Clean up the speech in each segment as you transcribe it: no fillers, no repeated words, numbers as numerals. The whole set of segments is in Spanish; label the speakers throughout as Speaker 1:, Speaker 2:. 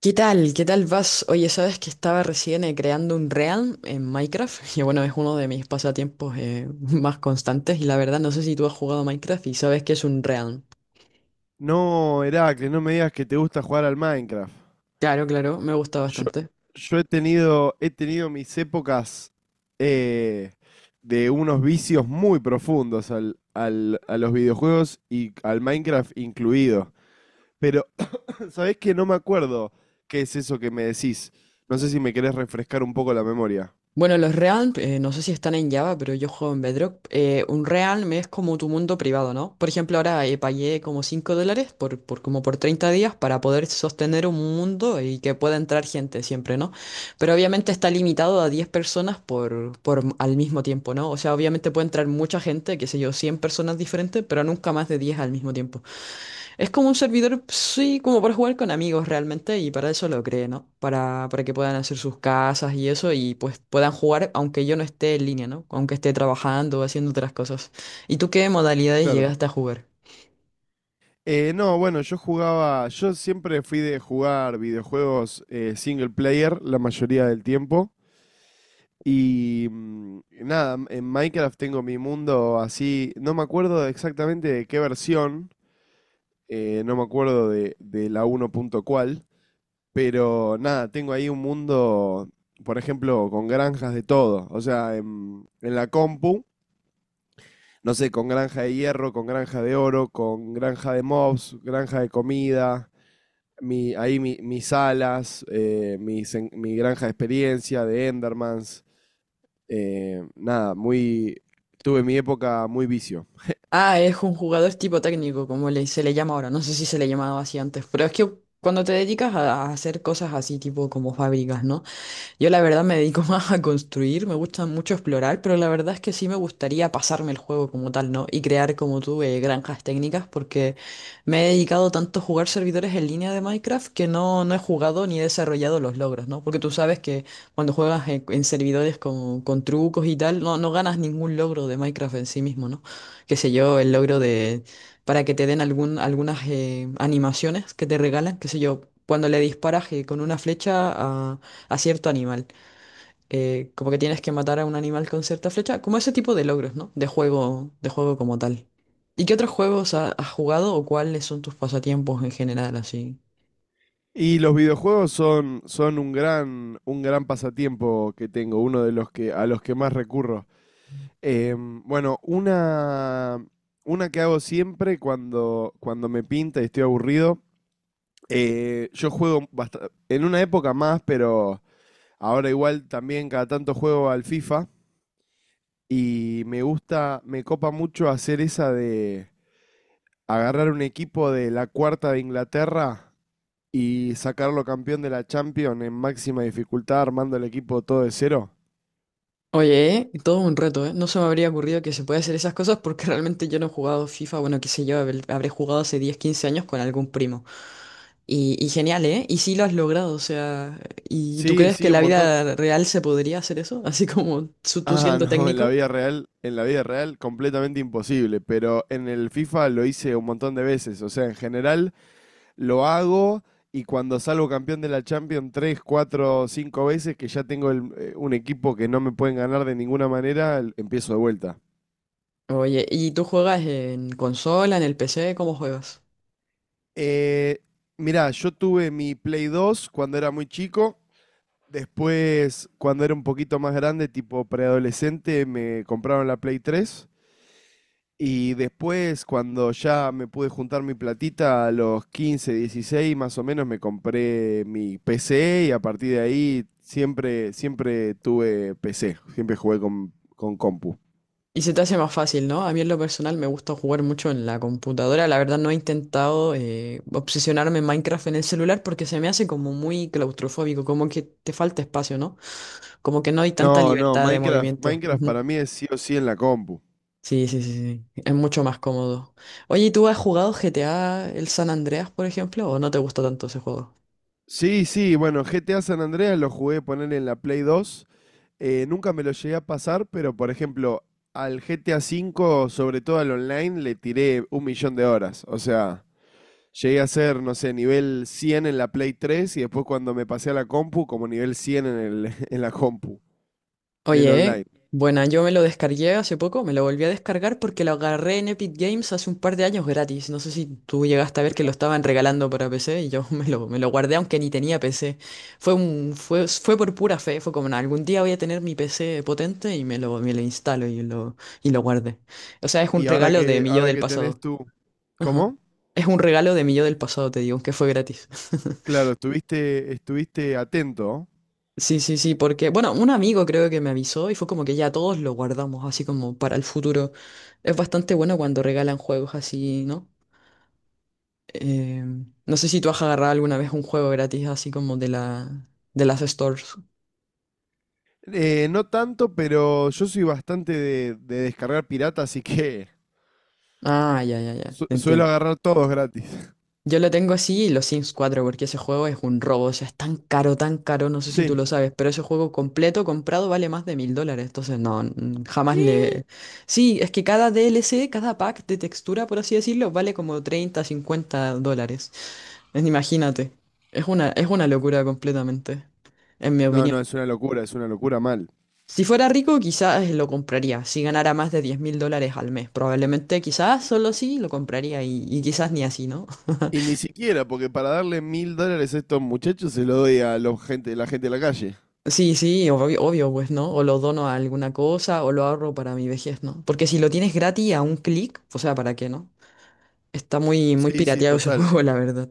Speaker 1: ¿Qué tal? ¿Qué tal vas? Oye, sabes que estaba recién creando un Realm en Minecraft y bueno, es uno de mis pasatiempos más constantes y la verdad no sé si tú has jugado a Minecraft y sabes que es un Realm.
Speaker 2: No, Heracles, no me digas que te gusta jugar al Minecraft.
Speaker 1: Claro, claro, me gusta
Speaker 2: Yo,
Speaker 1: bastante.
Speaker 2: yo he tenido mis épocas eh, de unos vicios muy profundos a los videojuegos y al Minecraft incluido. Pero, ¿sabés que no me acuerdo qué es eso que me decís? No sé si me querés refrescar un poco la memoria.
Speaker 1: Bueno, los Realm, no sé si están en Java, pero yo juego en Bedrock. Un Realm es como tu mundo privado, ¿no? Por ejemplo, ahora pagué como $5 por como por 30 días para poder sostener un mundo y que pueda entrar gente siempre, ¿no? Pero obviamente está limitado a 10 personas por al mismo tiempo, ¿no? O sea, obviamente puede entrar mucha gente, qué sé yo, 100 personas diferentes, pero nunca más de 10 al mismo tiempo. Es como un servidor, sí, como para jugar con amigos realmente, y para eso lo creé, ¿no? Para que puedan hacer sus casas y eso, y pues puedan jugar aunque yo no esté en línea, ¿no? Aunque esté trabajando o haciendo otras cosas. ¿Y tú qué modalidades
Speaker 2: Claro.
Speaker 1: llegaste a jugar?
Speaker 2: No, bueno, yo jugaba, yo siempre fui de jugar videojuegos single player la mayoría del tiempo. Y nada, en Minecraft tengo mi mundo así, no me acuerdo exactamente de qué versión, no me acuerdo de la uno punto cuál, pero nada, tengo ahí un mundo, por ejemplo, con granjas de todo, o sea, en la compu, no sé, con granja de hierro, con granja de oro, con granja de mobs, granja de comida, mi, ahí mis alas, mis mi granja de experiencia, de Endermans. Nada, muy, tuve mi época muy vicio.
Speaker 1: Ah, es un jugador tipo técnico, como se le llama ahora. No sé si se le llamaba así antes, pero es que cuando te dedicas a hacer cosas así, tipo como fábricas, ¿no? Yo la verdad me dedico más a construir, me gusta mucho explorar, pero la verdad es que sí me gustaría pasarme el juego como tal, ¿no? Y crear como tú granjas técnicas, porque me he dedicado tanto a jugar servidores en línea de Minecraft que no, no he jugado ni he desarrollado los logros, ¿no? Porque tú sabes que cuando juegas en servidores con trucos y tal, no, no ganas ningún logro de Minecraft en sí mismo, ¿no? Qué sé yo, el logro de... para que te den algún, algunas animaciones que te regalan, qué sé yo. Cuando le disparas con una flecha a cierto animal. Como que tienes que matar a un animal con cierta flecha, como ese tipo de logros, ¿no? De juego como tal. ¿Y qué otros juegos has jugado o cuáles son tus pasatiempos en general, así?
Speaker 2: Y los videojuegos son, son un gran pasatiempo que tengo, uno de los que, a los que más recurro. Bueno, una que hago siempre cuando, cuando me pinta y estoy aburrido. Yo juego en una época más, pero ahora igual también cada tanto juego al FIFA. Y me gusta, me copa mucho hacer esa de agarrar un equipo de la cuarta de Inglaterra y sacarlo campeón de la Champions en máxima dificultad, armando el equipo todo de cero.
Speaker 1: Oye, todo un reto, ¿eh? No se me habría ocurrido que se puede hacer esas cosas porque realmente yo no he jugado FIFA, bueno, qué sé yo, habré jugado hace 10 15 años con algún primo. Y genial, ¿eh? Y sí lo has logrado, o sea, ¿y tú
Speaker 2: Sí,
Speaker 1: crees que
Speaker 2: sí,
Speaker 1: en
Speaker 2: un
Speaker 1: la
Speaker 2: montón.
Speaker 1: vida real se podría hacer eso? Así como tú
Speaker 2: Ah,
Speaker 1: siendo
Speaker 2: no, en la
Speaker 1: técnico.
Speaker 2: vida real, en la vida real, completamente imposible, pero en el FIFA lo hice un montón de veces. O sea, en general lo hago y cuando salgo campeón de la Champions tres, cuatro, cinco veces, que ya tengo un equipo que no me pueden ganar de ninguna manera, el- empiezo de vuelta.
Speaker 1: Oye, ¿y tú juegas en consola, en el PC? ¿Cómo juegas?
Speaker 2: Eh, Mirá, yo tuve mi Play 2 cuando era muy chico. Después, cuando era un poquito más grande, tipo preadolescente, me compraron la Play 3. Y después, cuando ya me pude juntar mi platita, a los 15, 16 más o menos, me compré mi PC y a partir de ahí siempre, siempre tuve PC, siempre jugué con compu.
Speaker 1: Y se te hace más fácil, ¿no? A mí en lo personal me gusta jugar mucho en la computadora. La verdad no he intentado obsesionarme en Minecraft en el celular porque se me hace como muy claustrofóbico, como que te falta espacio, ¿no? Como que no hay tanta
Speaker 2: No, no,
Speaker 1: libertad de
Speaker 2: Minecraft,
Speaker 1: movimiento.
Speaker 2: Minecraft
Speaker 1: Ujú.
Speaker 2: para mí es sí o sí en la compu.
Speaker 1: Sí, sí, sí, sí, sí. Es mucho más cómodo. Oye, ¿y tú has jugado GTA, el San Andreas, por ejemplo, o no te gusta tanto ese juego?
Speaker 2: Sí, sí, bueno, GTA San Andreas lo jugué poner en la Play 2. Nunca me lo llegué a pasar, pero por ejemplo, al GTA V, sobre todo al online, le tiré 1 millón de horas. O sea, llegué a ser, no sé, nivel 100 en la Play 3 y después cuando me pasé a la compu, como nivel 100 en el, en la compu del
Speaker 1: Oye,
Speaker 2: online.
Speaker 1: buena, yo me lo descargué hace poco, me lo volví a descargar porque lo agarré en Epic Games hace un par de años gratis. No sé si tú llegaste a ver que lo estaban regalando para PC y yo me lo guardé aunque ni tenía PC. Fue por pura fe, fue como, "Nah, algún día voy a tener mi PC potente y me lo instalo y y lo guardé. O sea, es un
Speaker 2: Y
Speaker 1: regalo de mi yo
Speaker 2: ahora
Speaker 1: del
Speaker 2: que tenés
Speaker 1: pasado.
Speaker 2: tú,
Speaker 1: Ajá.
Speaker 2: ¿cómo?
Speaker 1: Es un regalo de mi yo del pasado, te digo, que fue gratis.
Speaker 2: Claro, estuviste, estuviste atento.
Speaker 1: Sí, sí, sí, porque, bueno, un amigo creo que me avisó y fue como que ya todos lo guardamos así como para el futuro. Es bastante bueno cuando regalan juegos así, ¿no? Eh, no sé si tú has agarrado alguna vez un juego gratis así como de la, de las stores.
Speaker 2: No tanto, pero yo soy bastante de descargar pirata, así que
Speaker 1: Ah, ya, ya, ya, te
Speaker 2: suelo
Speaker 1: entiendo.
Speaker 2: agarrar todos gratis.
Speaker 1: Yo lo tengo así y los Sims 4, porque ese juego es un robo, o sea, es tan caro, no sé si tú
Speaker 2: Sí.
Speaker 1: lo sabes, pero ese juego completo comprado vale más de $1,000, entonces no, jamás
Speaker 2: ¿Qué?
Speaker 1: le... Sí, es que cada DLC, cada pack de textura, por así decirlo, vale como 30, $50. Imagínate, es una locura completamente, en mi
Speaker 2: No, no,
Speaker 1: opinión.
Speaker 2: es una locura mal.
Speaker 1: Si fuera rico, quizás lo compraría, si ganara más de $10,000 al mes, probablemente, quizás solo sí lo compraría y quizás ni así, ¿no?
Speaker 2: Y ni siquiera, porque para darle $1000 a estos muchachos se lo doy a los gente, la gente de la calle.
Speaker 1: Sí, sí, obvio, obvio, pues, ¿no? O lo dono a alguna cosa o lo ahorro para mi vejez, ¿no? Porque si lo tienes gratis a un clic, o sea, ¿para qué, no? Está muy, muy
Speaker 2: Sí, sí,
Speaker 1: pirateado ese
Speaker 2: total.
Speaker 1: juego, la verdad.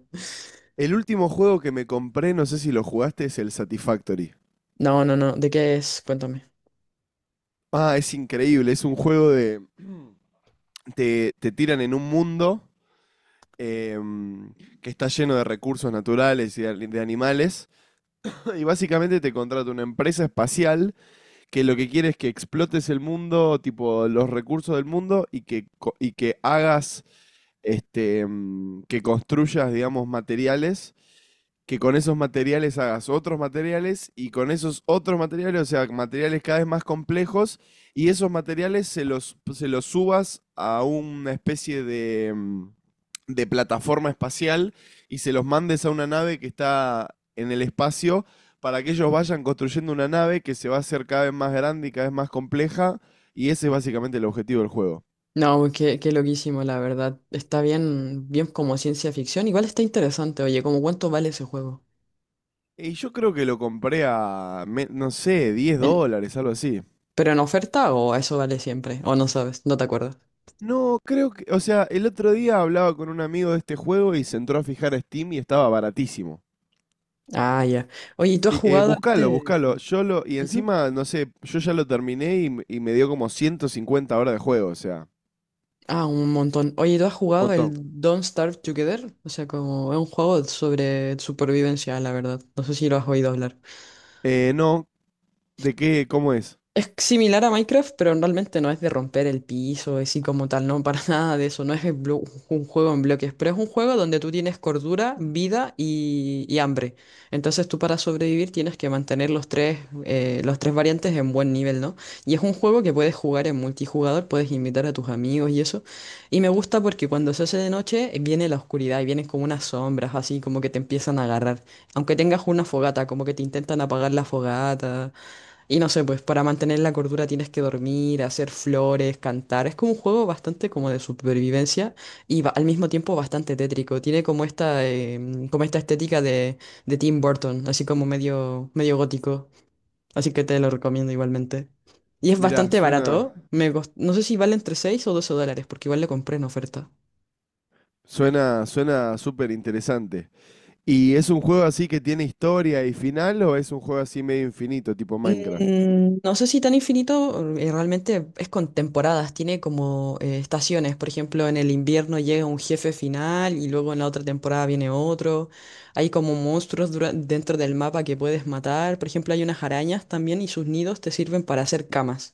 Speaker 2: El último juego que me compré, no sé si lo jugaste, es el Satisfactory.
Speaker 1: No, no, no, ¿de qué es? Cuéntame.
Speaker 2: Ah, es increíble, es un juego de... Te tiran en un mundo em, que está lleno de recursos naturales y de animales, y básicamente te contrata una empresa espacial que lo que quiere es que explotes el mundo, tipo los recursos del mundo y que, y que hagas, este, que construyas, digamos, materiales, que con esos materiales hagas otros materiales y con esos otros materiales, o sea, materiales cada vez más complejos y esos materiales se los subas a una especie de, de plataforma espacial y se los mandes a una nave que está en el espacio para que ellos vayan construyendo una nave que se va a hacer cada vez más grande y cada vez más compleja, y ese es básicamente el objetivo del juego.
Speaker 1: No, qué loquísimo, la verdad. Está bien, bien como ciencia ficción. Igual está interesante, oye, ¿cómo cuánto vale ese juego?
Speaker 2: Y yo creo que lo compré a, no sé, 10
Speaker 1: En-
Speaker 2: dólares, algo así.
Speaker 1: ¿pero en oferta o eso vale siempre? ¿O no sabes? No te acuerdas.
Speaker 2: No, creo que, o sea, el otro día hablaba con un amigo de este juego y se entró a fijar a Steam y estaba baratísimo.
Speaker 1: Ah, ya. Oye, ¿y tú has jugado a
Speaker 2: Buscalo,
Speaker 1: este?
Speaker 2: buscalo. Yo lo, y
Speaker 1: Ujú.
Speaker 2: encima, no sé, yo ya lo terminé y, y me dio como 150 horas de juego, o sea,
Speaker 1: Ah, un montón. Oye, ¿tú has
Speaker 2: un
Speaker 1: jugado el
Speaker 2: montón.
Speaker 1: Don't Starve Together? O sea, como es un juego sobre supervivencia, la verdad. No sé si lo has oído hablar.
Speaker 2: No, ¿de qué? ¿Cómo es?
Speaker 1: Es similar a Minecraft, pero realmente no es de romper el piso, es así como tal, no, para nada de eso, no es un juego en bloques, pero es un juego donde tú tienes cordura, vida y hambre. Entonces tú para sobrevivir tienes que mantener los tres variantes en buen nivel, ¿no? Y es un juego que puedes jugar en multijugador, puedes invitar a tus amigos y eso. Y me gusta porque cuando se hace de noche viene la oscuridad y vienen como unas sombras, así como que te empiezan a agarrar. Aunque tengas una fogata, como que te intentan apagar la fogata. Y no sé, pues para mantener la cordura tienes que dormir, hacer flores, cantar. Es como un juego bastante como de supervivencia y al mismo tiempo bastante tétrico. Tiene como esta estética de Tim Burton, así como medio, medio gótico. Así que te lo recomiendo igualmente. Y es
Speaker 2: Mirá,
Speaker 1: bastante
Speaker 2: suena...
Speaker 1: barato. No sé si vale entre 6 o 12 dólares, porque igual le compré en oferta.
Speaker 2: Suena, suena súper interesante. ¿Y es un juego así que tiene historia y final o es un juego así medio infinito, tipo Minecraft?
Speaker 1: No sé si tan infinito, realmente es con temporadas, tiene como estaciones, por ejemplo, en el invierno llega un jefe final y luego en la otra temporada viene otro, hay como monstruos dentro del mapa que puedes matar, por ejemplo, hay unas arañas también y sus nidos te sirven para hacer camas.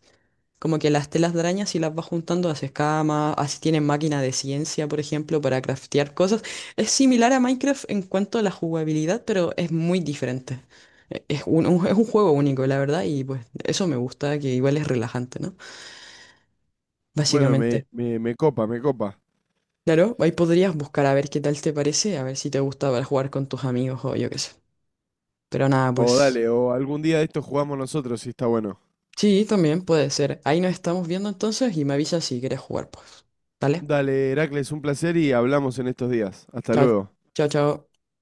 Speaker 1: Como que las telas de araña si las vas juntando haces camas, así tienen máquina de ciencia, por ejemplo, para craftear cosas. Es similar a Minecraft en cuanto a la jugabilidad, pero es muy diferente. Es un juego único, la verdad, y pues eso me gusta, que igual es relajante, ¿no?
Speaker 2: Bueno, me,
Speaker 1: Básicamente.
Speaker 2: me, me copa, me copa.
Speaker 1: Claro, ahí podrías buscar a ver qué tal te parece, a ver si te gusta para jugar con tus amigos o yo qué sé. Pero nada,
Speaker 2: O
Speaker 1: pues
Speaker 2: dale, o algún día de estos jugamos nosotros si está bueno.
Speaker 1: sí, también puede ser. Ahí nos estamos viendo entonces y me avisas si quieres jugar, pues. ¿Vale?
Speaker 2: Dale, Heracles, un placer y hablamos en estos días. Hasta
Speaker 1: Chao,
Speaker 2: luego.
Speaker 1: chao, chao.